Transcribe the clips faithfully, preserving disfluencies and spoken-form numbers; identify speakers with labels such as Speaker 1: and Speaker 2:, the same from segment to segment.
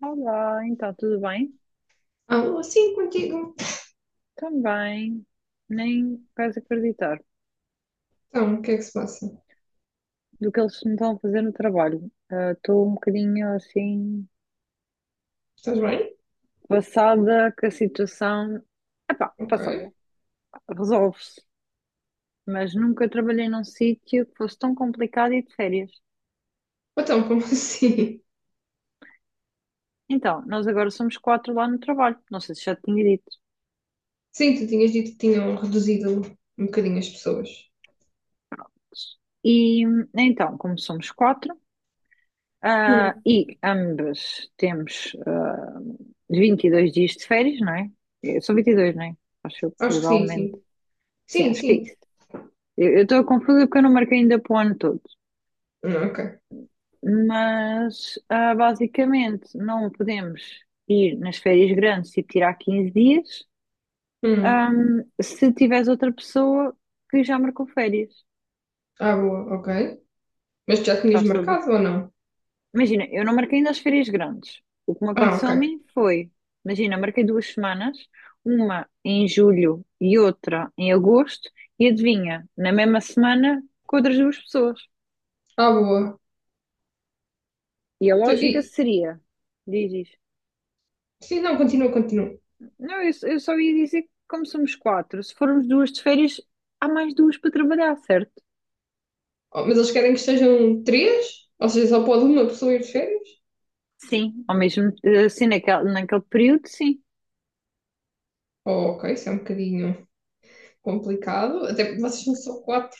Speaker 1: Olá, então tudo bem?
Speaker 2: Alô, sim, contigo.
Speaker 1: Também, nem vais acreditar
Speaker 2: Então, o que é que se passa?
Speaker 1: do que eles me estão a fazer no trabalho. Ah, Estou um bocadinho assim,
Speaker 2: Estás bem?
Speaker 1: passada que a situação.
Speaker 2: Ok.
Speaker 1: Passada, resolve-se, mas nunca trabalhei num sítio que fosse tão complicado e de férias.
Speaker 2: Então, como assim?
Speaker 1: Então, nós agora somos quatro lá no trabalho, não sei se já te tinha dito.
Speaker 2: Sim, tu tinhas dito que tinham reduzido um bocadinho as pessoas.
Speaker 1: E então, como somos quatro. Ah,
Speaker 2: Hum,
Speaker 1: e ambas temos ah, vinte e dois dias de férias, não é? Eh, São vinte e dois, não é? Acho eu que
Speaker 2: Acho que sim,
Speaker 1: legalmente.
Speaker 2: sim.
Speaker 1: Sim,
Speaker 2: Sim,
Speaker 1: acho que é
Speaker 2: sim.
Speaker 1: isso. Eu estou confusa porque eu não marquei ainda para o ano todo.
Speaker 2: Hum, ok.
Speaker 1: Mas, ah, basicamente, não podemos ir nas férias grandes e tirar quinze dias,
Speaker 2: Hum,
Speaker 1: ah, se tiveres outra pessoa que já marcou férias.
Speaker 2: ah, Boa, ok. Mas tu já tinhas
Speaker 1: Faz todo o
Speaker 2: marcado ou não?
Speaker 1: Imagina, eu não marquei ainda as férias grandes. O que me
Speaker 2: Ah,
Speaker 1: aconteceu a
Speaker 2: ok.
Speaker 1: mim foi, imagina, marquei duas semanas, uma em julho e outra em agosto, e adivinha, na mesma semana com outras duas pessoas.
Speaker 2: Ah, boa.
Speaker 1: E a
Speaker 2: Tu-
Speaker 1: lógica
Speaker 2: e,
Speaker 1: seria, diz isto.
Speaker 2: sim, não, continua, continua.
Speaker 1: Não, eu, eu só ia dizer que como somos quatro, se formos duas de férias, há mais duas para trabalhar, certo?
Speaker 2: Oh, mas eles querem que estejam três? Ou seja, só pode uma pessoa ir de férias?
Speaker 1: Sim, ao mesmo, eh, assim, naquele, naquele período, sim.
Speaker 2: Oh, ok, isso é um bocadinho complicado. Até porque vocês são só quatro.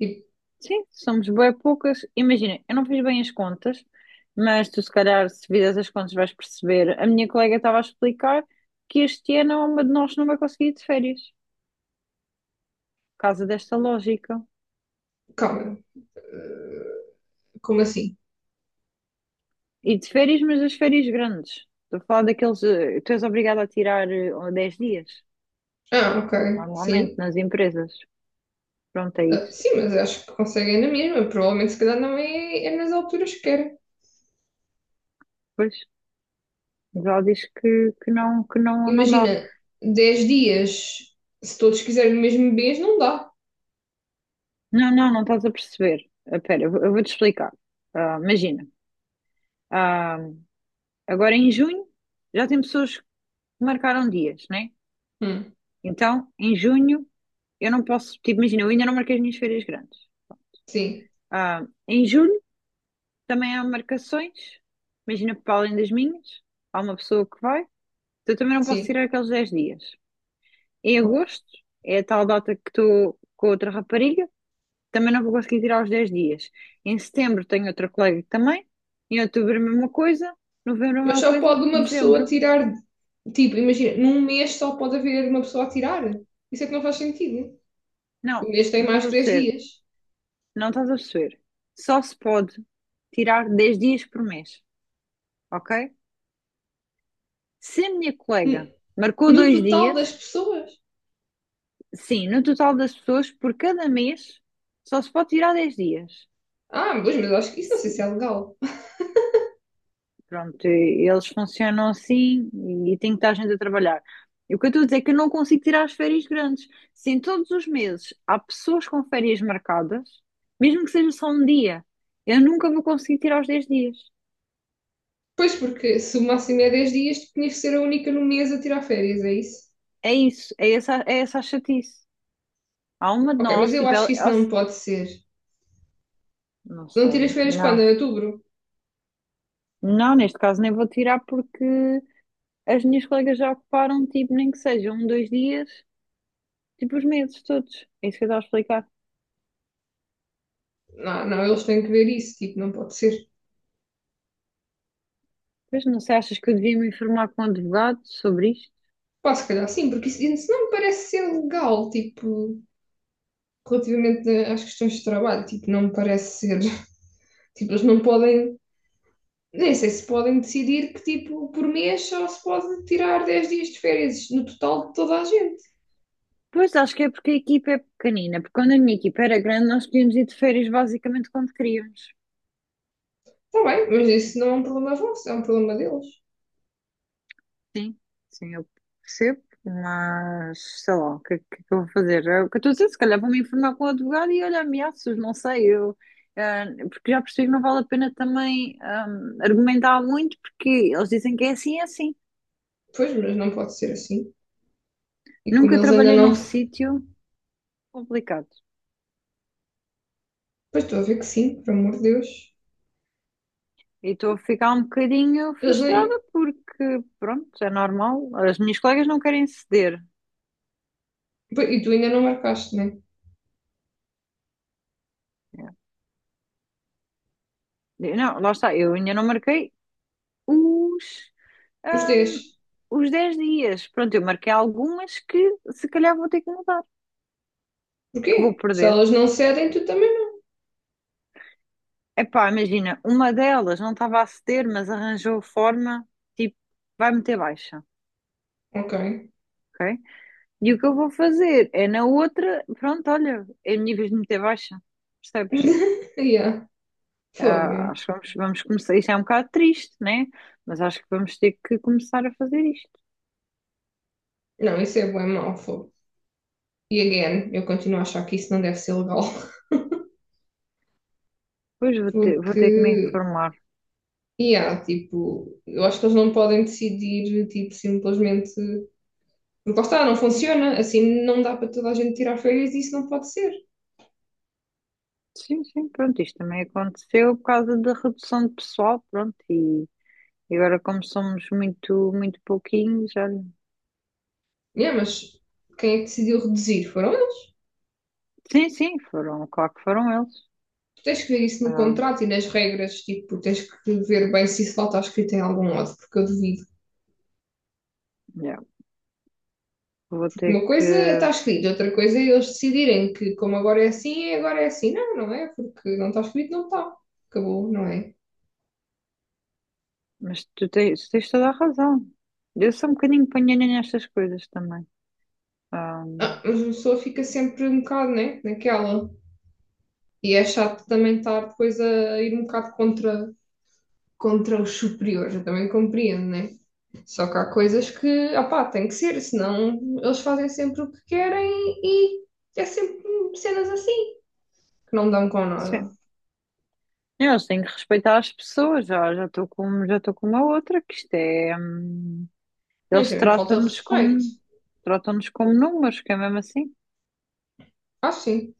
Speaker 2: Tipo,
Speaker 1: Sim, somos bem poucas. Imagina, eu não fiz bem as contas, mas tu, se calhar, se fizeres as contas, vais perceber. A minha colega estava a explicar que este ano uma de nós não vai conseguir ir de férias, por causa desta lógica.
Speaker 2: calma, como assim?
Speaker 1: E de férias, mas das férias grandes. Estou a falar daqueles. eh, Tu és obrigado a tirar eh, dez dias,
Speaker 2: Ah, ok,
Speaker 1: normalmente,
Speaker 2: sim.
Speaker 1: nas empresas. Pronto, é
Speaker 2: Ah,
Speaker 1: isso.
Speaker 2: sim, mas acho que conseguem na mesma. Provavelmente, se calhar, não é, é nas alturas que era.
Speaker 1: Pois, mas ela diz que, que não, que não, não dá.
Speaker 2: Imagina, dez dias, se todos quiserem o mesmo mês, não dá.
Speaker 1: Não, não, não estás a perceber. Espera, eu vou- eu vou-te explicar. Ah, imagina. Ah, Agora em junho já tem pessoas que marcaram dias, né?
Speaker 2: Hum,
Speaker 1: Então, em junho eu não posso, tipo, imagina, eu ainda não marquei as minhas férias grandes.
Speaker 2: sim,
Speaker 1: Ah, em julho também há marcações, imagina, para além das minhas, há uma pessoa que vai, então eu também não posso
Speaker 2: sim.
Speaker 1: tirar aqueles dez dias. Em agosto é a tal data que estou com outra rapariga, também não vou conseguir tirar os dez dias. Em setembro tenho outra colega que também, em outubro a mesma coisa, novembro a
Speaker 2: Mas
Speaker 1: mesma
Speaker 2: só
Speaker 1: coisa,
Speaker 2: pode uma pessoa
Speaker 1: dezembro.
Speaker 2: tirar. Tipo, imagina, num mês só pode haver uma pessoa a tirar. Isso é que não faz sentido. O
Speaker 1: Não,
Speaker 2: mês tem
Speaker 1: não
Speaker 2: mais
Speaker 1: vai
Speaker 2: que dez
Speaker 1: ser.
Speaker 2: dias.
Speaker 1: Não estás a perceber. Só se pode tirar dez dias por mês, ok? Se a minha colega
Speaker 2: N-
Speaker 1: marcou
Speaker 2: No
Speaker 1: dois
Speaker 2: total das
Speaker 1: dias,
Speaker 2: pessoas.
Speaker 1: sim, no total das pessoas, por cada mês, só se pode tirar dez dias.
Speaker 2: Ah, pois, mas acho que isso não sei se é
Speaker 1: Sim.
Speaker 2: legal.
Speaker 1: Pronto, e- eles funcionam assim e tem que estar gente a trabalhar. E o que eu estou a dizer é que eu não consigo tirar as férias grandes. Se em todos os meses há pessoas com férias marcadas, mesmo que seja só um dia, eu nunca vou conseguir tirar os dez dias.
Speaker 2: Pois, porque se o máximo é dez dias, tu tinhas que ser a única no mês a tirar férias, é isso?
Speaker 1: É isso, é essa, é essa a chatice. Há uma de
Speaker 2: Ok, mas
Speaker 1: nós,
Speaker 2: eu
Speaker 1: tipo,
Speaker 2: acho
Speaker 1: ela,
Speaker 2: que isso
Speaker 1: ela-
Speaker 2: não pode ser. Se
Speaker 1: não
Speaker 2: não
Speaker 1: sei,
Speaker 2: tiras férias quando? Em
Speaker 1: não.
Speaker 2: outubro?
Speaker 1: Não, neste caso nem vou tirar porque as minhas colegas já ocuparam, tipo, nem que seja um, dois dias, tipo, os meses todos. É isso que eu estava a explicar.
Speaker 2: Não, não, eles têm que ver isso, tipo, não pode ser.
Speaker 1: Pois não sei, achas que eu devia me informar com o advogado sobre isto?
Speaker 2: Pá, se calhar sim, porque isso, isso não me parece ser legal, tipo, relativamente às questões de trabalho, tipo, não me parece ser. Tipo, eles não podem, nem sei se podem decidir que, tipo, por mês só se pode tirar dez dias de férias no total de toda a gente.
Speaker 1: Pois acho que é porque a equipa é pequenina, porque quando a minha equipa era grande nós podíamos ir de férias basicamente quando queríamos.
Speaker 2: Está bem, mas isso não é um problema vosso, é um problema deles.
Speaker 1: Sim, sim, eu percebo, mas sei lá, o que, é que é que eu vou fazer? É o que eu estou a dizer, se calhar vou-me informar com o advogado e olha, ameaças, não sei, eu, eh, porque já percebi que não vale a pena também hum, argumentar muito, porque eles dizem que é assim, é assim.
Speaker 2: Pois, mas não pode ser assim. E como
Speaker 1: Nunca
Speaker 2: eles ainda
Speaker 1: trabalhei
Speaker 2: não.
Speaker 1: num sítio complicado
Speaker 2: Pois estou a ver que sim, por amor de Deus.
Speaker 1: e estou a ficar um bocadinho
Speaker 2: Eles nem,
Speaker 1: frustrada porque, pronto, é normal, as minhas colegas não querem ceder.
Speaker 2: pois, e tu ainda não marcaste, né?
Speaker 1: É. Não, lá está, eu ainda não marquei os.
Speaker 2: Os dez.
Speaker 1: hum, os dez dias. Pronto, eu marquei algumas que se calhar vou ter que mudar, que vou
Speaker 2: Porquê? Se
Speaker 1: perder.
Speaker 2: elas não cedem, tu também
Speaker 1: Epá, imagina, uma delas não estava a ceder, mas arranjou forma, tipo, vai meter baixa,
Speaker 2: não. Ok.
Speaker 1: ok? E o que eu vou fazer é na outra, pronto, olha, é a minha vez de meter baixa, percebes?
Speaker 2: Yeah.
Speaker 1: Ah,
Speaker 2: Fogo.
Speaker 1: acho que vamos, vamos começar, isto é um bocado triste, né? Mas acho que vamos ter que começar a fazer isto.
Speaker 2: Não, isso é bem mau, fogo. E again, eu continuo a achar que isso não deve ser legal.
Speaker 1: Pois vou ter, vou ter que me
Speaker 2: Porque,
Speaker 1: informar.
Speaker 2: yeah, tipo, eu acho que eles não podem decidir, tipo, simplesmente. Porque lá está, não funciona. Assim não dá para toda a gente tirar férias e isso não pode ser.
Speaker 1: Sim, sim, pronto, isto também aconteceu por causa da redução de pessoal, pronto, e e agora como somos muito, muito pouquinhos, olha,
Speaker 2: Yeah, mas quem é que decidiu reduzir? Foram eles.
Speaker 1: sim, sim, foram, claro que foram eles.
Speaker 2: Tu tens que ver isso no
Speaker 1: Ah,
Speaker 2: contrato e nas regras, tipo, tens que ver bem se isso lá está escrito em algum lado, porque eu duvido.
Speaker 1: yeah, Vou
Speaker 2: Porque
Speaker 1: ter
Speaker 2: uma
Speaker 1: que,
Speaker 2: coisa é estar escrito, outra coisa é eles decidirem que como agora é assim, é agora é assim. Não, não é, porque não está escrito, não está. Acabou, não é?
Speaker 1: mas tu tens, tens toda a razão. Eu sou um bocadinho panhanha nestas coisas também. Ah,
Speaker 2: Ah, mas a pessoa fica sempre um bocado, né, naquela. E é chato também estar depois a ir um bocado contra, contra os superiores, eu também compreendo, né? Só que há coisas que, opá, tem que ser, senão eles fazem sempre o que querem e é sempre cenas assim, que não dão com
Speaker 1: sim,
Speaker 2: nada.
Speaker 1: eu tenho que respeitar as pessoas, já já estou com, já estou com uma outra, que isto é, hum,
Speaker 2: Não, isso
Speaker 1: eles
Speaker 2: é mesmo falta de
Speaker 1: tratam-nos como,
Speaker 2: respeito.
Speaker 1: tratam-nos como números, que é mesmo assim.
Speaker 2: Acho sim.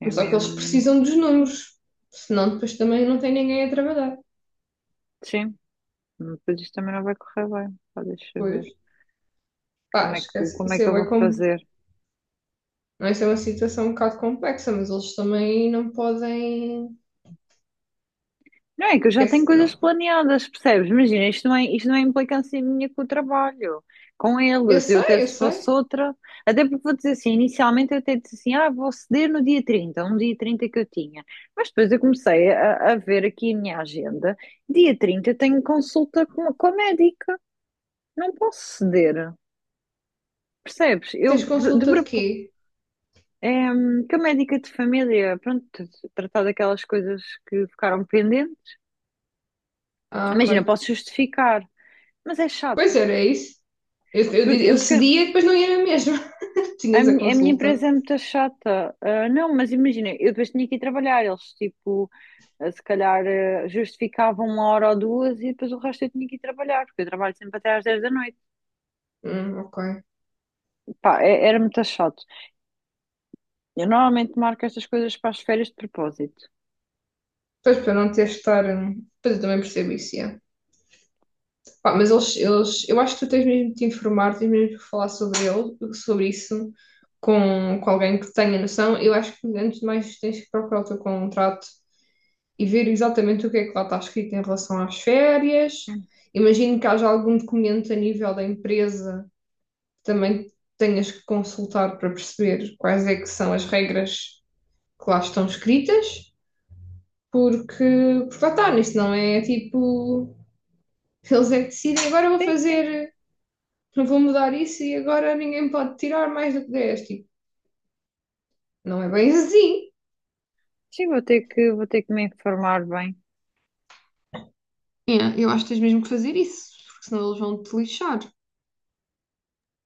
Speaker 1: É
Speaker 2: Mas só que eles
Speaker 1: mesmo.
Speaker 2: precisam dos números, senão depois também não tem ninguém a trabalhar.
Speaker 1: Sim, depois isto também não vai correr bem. Pá, deixa ver.
Speaker 2: Pois, pá,
Speaker 1: Como é que,
Speaker 2: esquece.
Speaker 1: como é
Speaker 2: Isso é,
Speaker 1: que eu
Speaker 2: bué
Speaker 1: vou
Speaker 2: com.
Speaker 1: fazer?
Speaker 2: Não, isso é uma situação um bocado complexa, mas eles também não podem.
Speaker 1: Não é que eu já tenho
Speaker 2: Esquece, não.
Speaker 1: coisas planeadas, percebes? Imagina, isto não é, isto não é implicância minha com o trabalho, com
Speaker 2: Eu
Speaker 1: eles. Eu até
Speaker 2: sei, eu
Speaker 1: se fosse
Speaker 2: sei.
Speaker 1: outra, até porque vou dizer assim, inicialmente eu até disse assim, ah, vou ceder no dia trinta um dia trinta que eu tinha. Mas depois eu comecei a, a ver aqui a minha agenda. Dia trinta eu tenho consulta com, com a médica, não posso ceder. Percebes? Eu
Speaker 2: Tens
Speaker 1: de, de
Speaker 2: consulta de quê?
Speaker 1: propósito. É, hum, que a médica de família, pronto, tratar daquelas coisas que ficaram pendentes.
Speaker 2: Ah, ok.
Speaker 1: Imagina, posso justificar, mas é chato.
Speaker 2: Pois era é isso. Eu, eu,
Speaker 1: Porque,
Speaker 2: eu
Speaker 1: porque
Speaker 2: cedia e depois não ia mesmo.
Speaker 1: a,
Speaker 2: Tinhas a
Speaker 1: minha, a minha
Speaker 2: consulta.
Speaker 1: empresa é muito chata. Ah, não, mas imagina, eu depois tinha que ir trabalhar. Eles, tipo, ah, se calhar ah, justificavam uma hora ou duas e depois o resto eu tinha que ir trabalhar, porque eu trabalho sempre até às dez da noite.
Speaker 2: Hum, ok.
Speaker 1: Pá, é- era muito chato. Eu normalmente marco estas coisas para as férias de propósito.
Speaker 2: Pois para não ter de estar. hum, Pois eu também percebo isso, yeah. Pá, mas eles, eles. Eu acho que tu tens mesmo de te informar, tens mesmo de falar sobre ele, sobre isso, com, com alguém que tenha noção. Eu acho que antes de mais tens que procurar o teu contrato e ver exatamente o que é que lá está escrito em relação às férias. Imagino que haja algum documento a nível da empresa que também tenhas que consultar para perceber quais é que são as regras que lá estão escritas, porque, porque lá está, isso não é tipo. Eles é que decidem, agora vou
Speaker 1: Sim, sim.
Speaker 2: fazer, não vou mudar isso e agora ninguém pode tirar mais do que dez. Tipo, não é bem assim.
Speaker 1: Sim, vou ter que, vou ter que me informar bem.
Speaker 2: É, eu acho que tens mesmo que fazer isso, porque senão eles vão te lixar.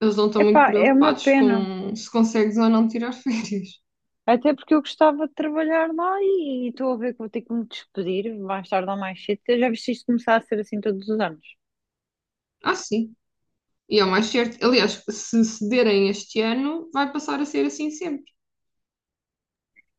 Speaker 2: Eles não estão muito
Speaker 1: Epá, é uma
Speaker 2: preocupados
Speaker 1: pena.
Speaker 2: com se consegues ou não tirar férias.
Speaker 1: Até porque eu gostava de trabalhar lá e e estou a ver que vou ter que me despedir mais tarde ou mais cedo. Já viste isto começar a ser assim todos os anos?
Speaker 2: Ah, sim. E é o mais certo. Aliás, se cederem este ano, vai passar a ser assim sempre.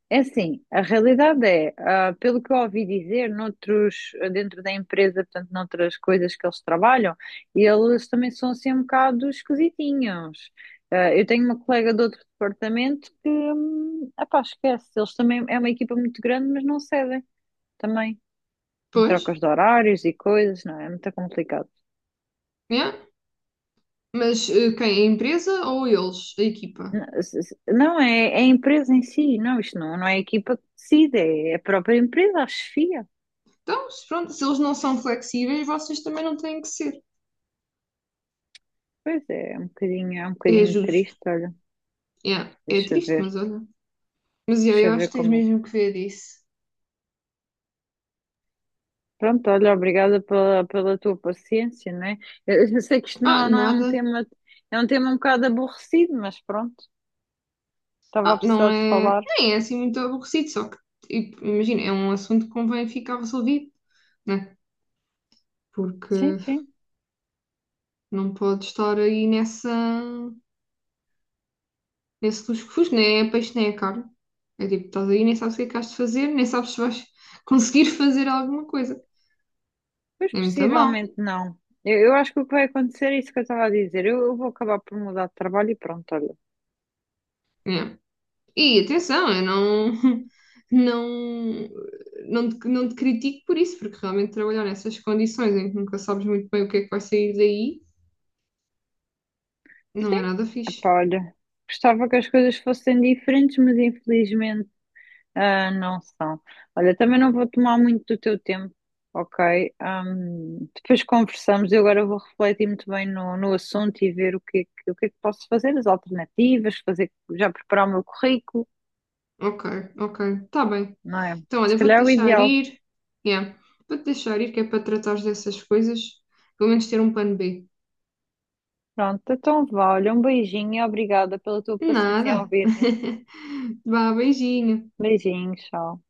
Speaker 1: É assim, a realidade é, ah, pelo que eu ouvi dizer, noutros, dentro da empresa, portanto, noutras coisas que eles trabalham, eles também são assim um bocado esquisitinhos. Ah, eu tenho uma colega de outro departamento que, hum, epá, esquece, eles também, é uma equipa muito grande, mas não cedem também, em
Speaker 2: Pois,
Speaker 1: trocas de horários e coisas, não é? É muito complicado.
Speaker 2: é? Mas eh, quem? A empresa ou eles? A equipa?
Speaker 1: Não, se- se- não, é, é a empresa em si, não, isto não, não é a equipa que decide, é a própria empresa, a chefia.
Speaker 2: Então, se pronto, se eles não são flexíveis, vocês também não têm que ser.
Speaker 1: Pois é, é um bocadinho, é um
Speaker 2: É
Speaker 1: bocadinho
Speaker 2: justo.
Speaker 1: triste, olha.
Speaker 2: Yeah, é
Speaker 1: Deixa eu
Speaker 2: triste,
Speaker 1: ver,
Speaker 2: mas olha. Mas yeah,
Speaker 1: deixa
Speaker 2: eu
Speaker 1: eu
Speaker 2: acho
Speaker 1: ver
Speaker 2: que tens
Speaker 1: como. é.
Speaker 2: mesmo que ver isso.
Speaker 1: Pronto, olha, obrigada pela, pela tua paciência, né? Eu, eu sei que isto
Speaker 2: Ah,
Speaker 1: não, não é um
Speaker 2: nada.
Speaker 1: tema, é um tema um bocado aborrecido, mas pronto, estava a
Speaker 2: Ah, não
Speaker 1: precisar de
Speaker 2: é.
Speaker 1: falar.
Speaker 2: Nem é assim muito aborrecido, só que, tipo, imagina, é um assunto que convém ficar resolvido, né?
Speaker 1: Sim,
Speaker 2: Porque
Speaker 1: sim,
Speaker 2: não pode estar aí nessa. Nesse lusco-fusco, nem é peixe, nem é carne. É tipo, estás aí, nem sabes o que é que has de fazer, nem sabes se vais conseguir fazer alguma coisa.
Speaker 1: pois
Speaker 2: É muito mal.
Speaker 1: possivelmente não. Eu, eu acho que o que vai acontecer é isso que eu estava a dizer. Eu, eu vou acabar por mudar de trabalho e pronto, olha.
Speaker 2: Né? E atenção, eu não, não, não, te, não te critico por isso, porque realmente trabalhar nessas condições em que nunca sabes muito bem o que é que vai sair daí, não é
Speaker 1: Sim,
Speaker 2: nada fixe.
Speaker 1: epá, olha, gostava que as coisas fossem diferentes, mas infelizmente. Ah, não são. Olha, também não vou tomar muito do teu tempo, ok? Ahm, depois conversamos. Eu agora vou refletir muito bem no, no assunto e ver o que, é que- o que é que posso fazer, as alternativas, fazer, já preparar o meu currículo,
Speaker 2: Ok, ok, tá bem.
Speaker 1: não é?
Speaker 2: Então,
Speaker 1: Se
Speaker 2: olha, vou-te
Speaker 1: calhar é o
Speaker 2: deixar
Speaker 1: ideal.
Speaker 2: ir. Yeah. Vou-te deixar ir, que é para tratares dessas coisas, pelo menos ter um plano B.
Speaker 1: Pronto, então vá. Olha, um beijinho e obrigada pela tua paciência em
Speaker 2: Nada.
Speaker 1: ouvir-me.
Speaker 2: Vá, beijinho.
Speaker 1: Beijinho, tchau.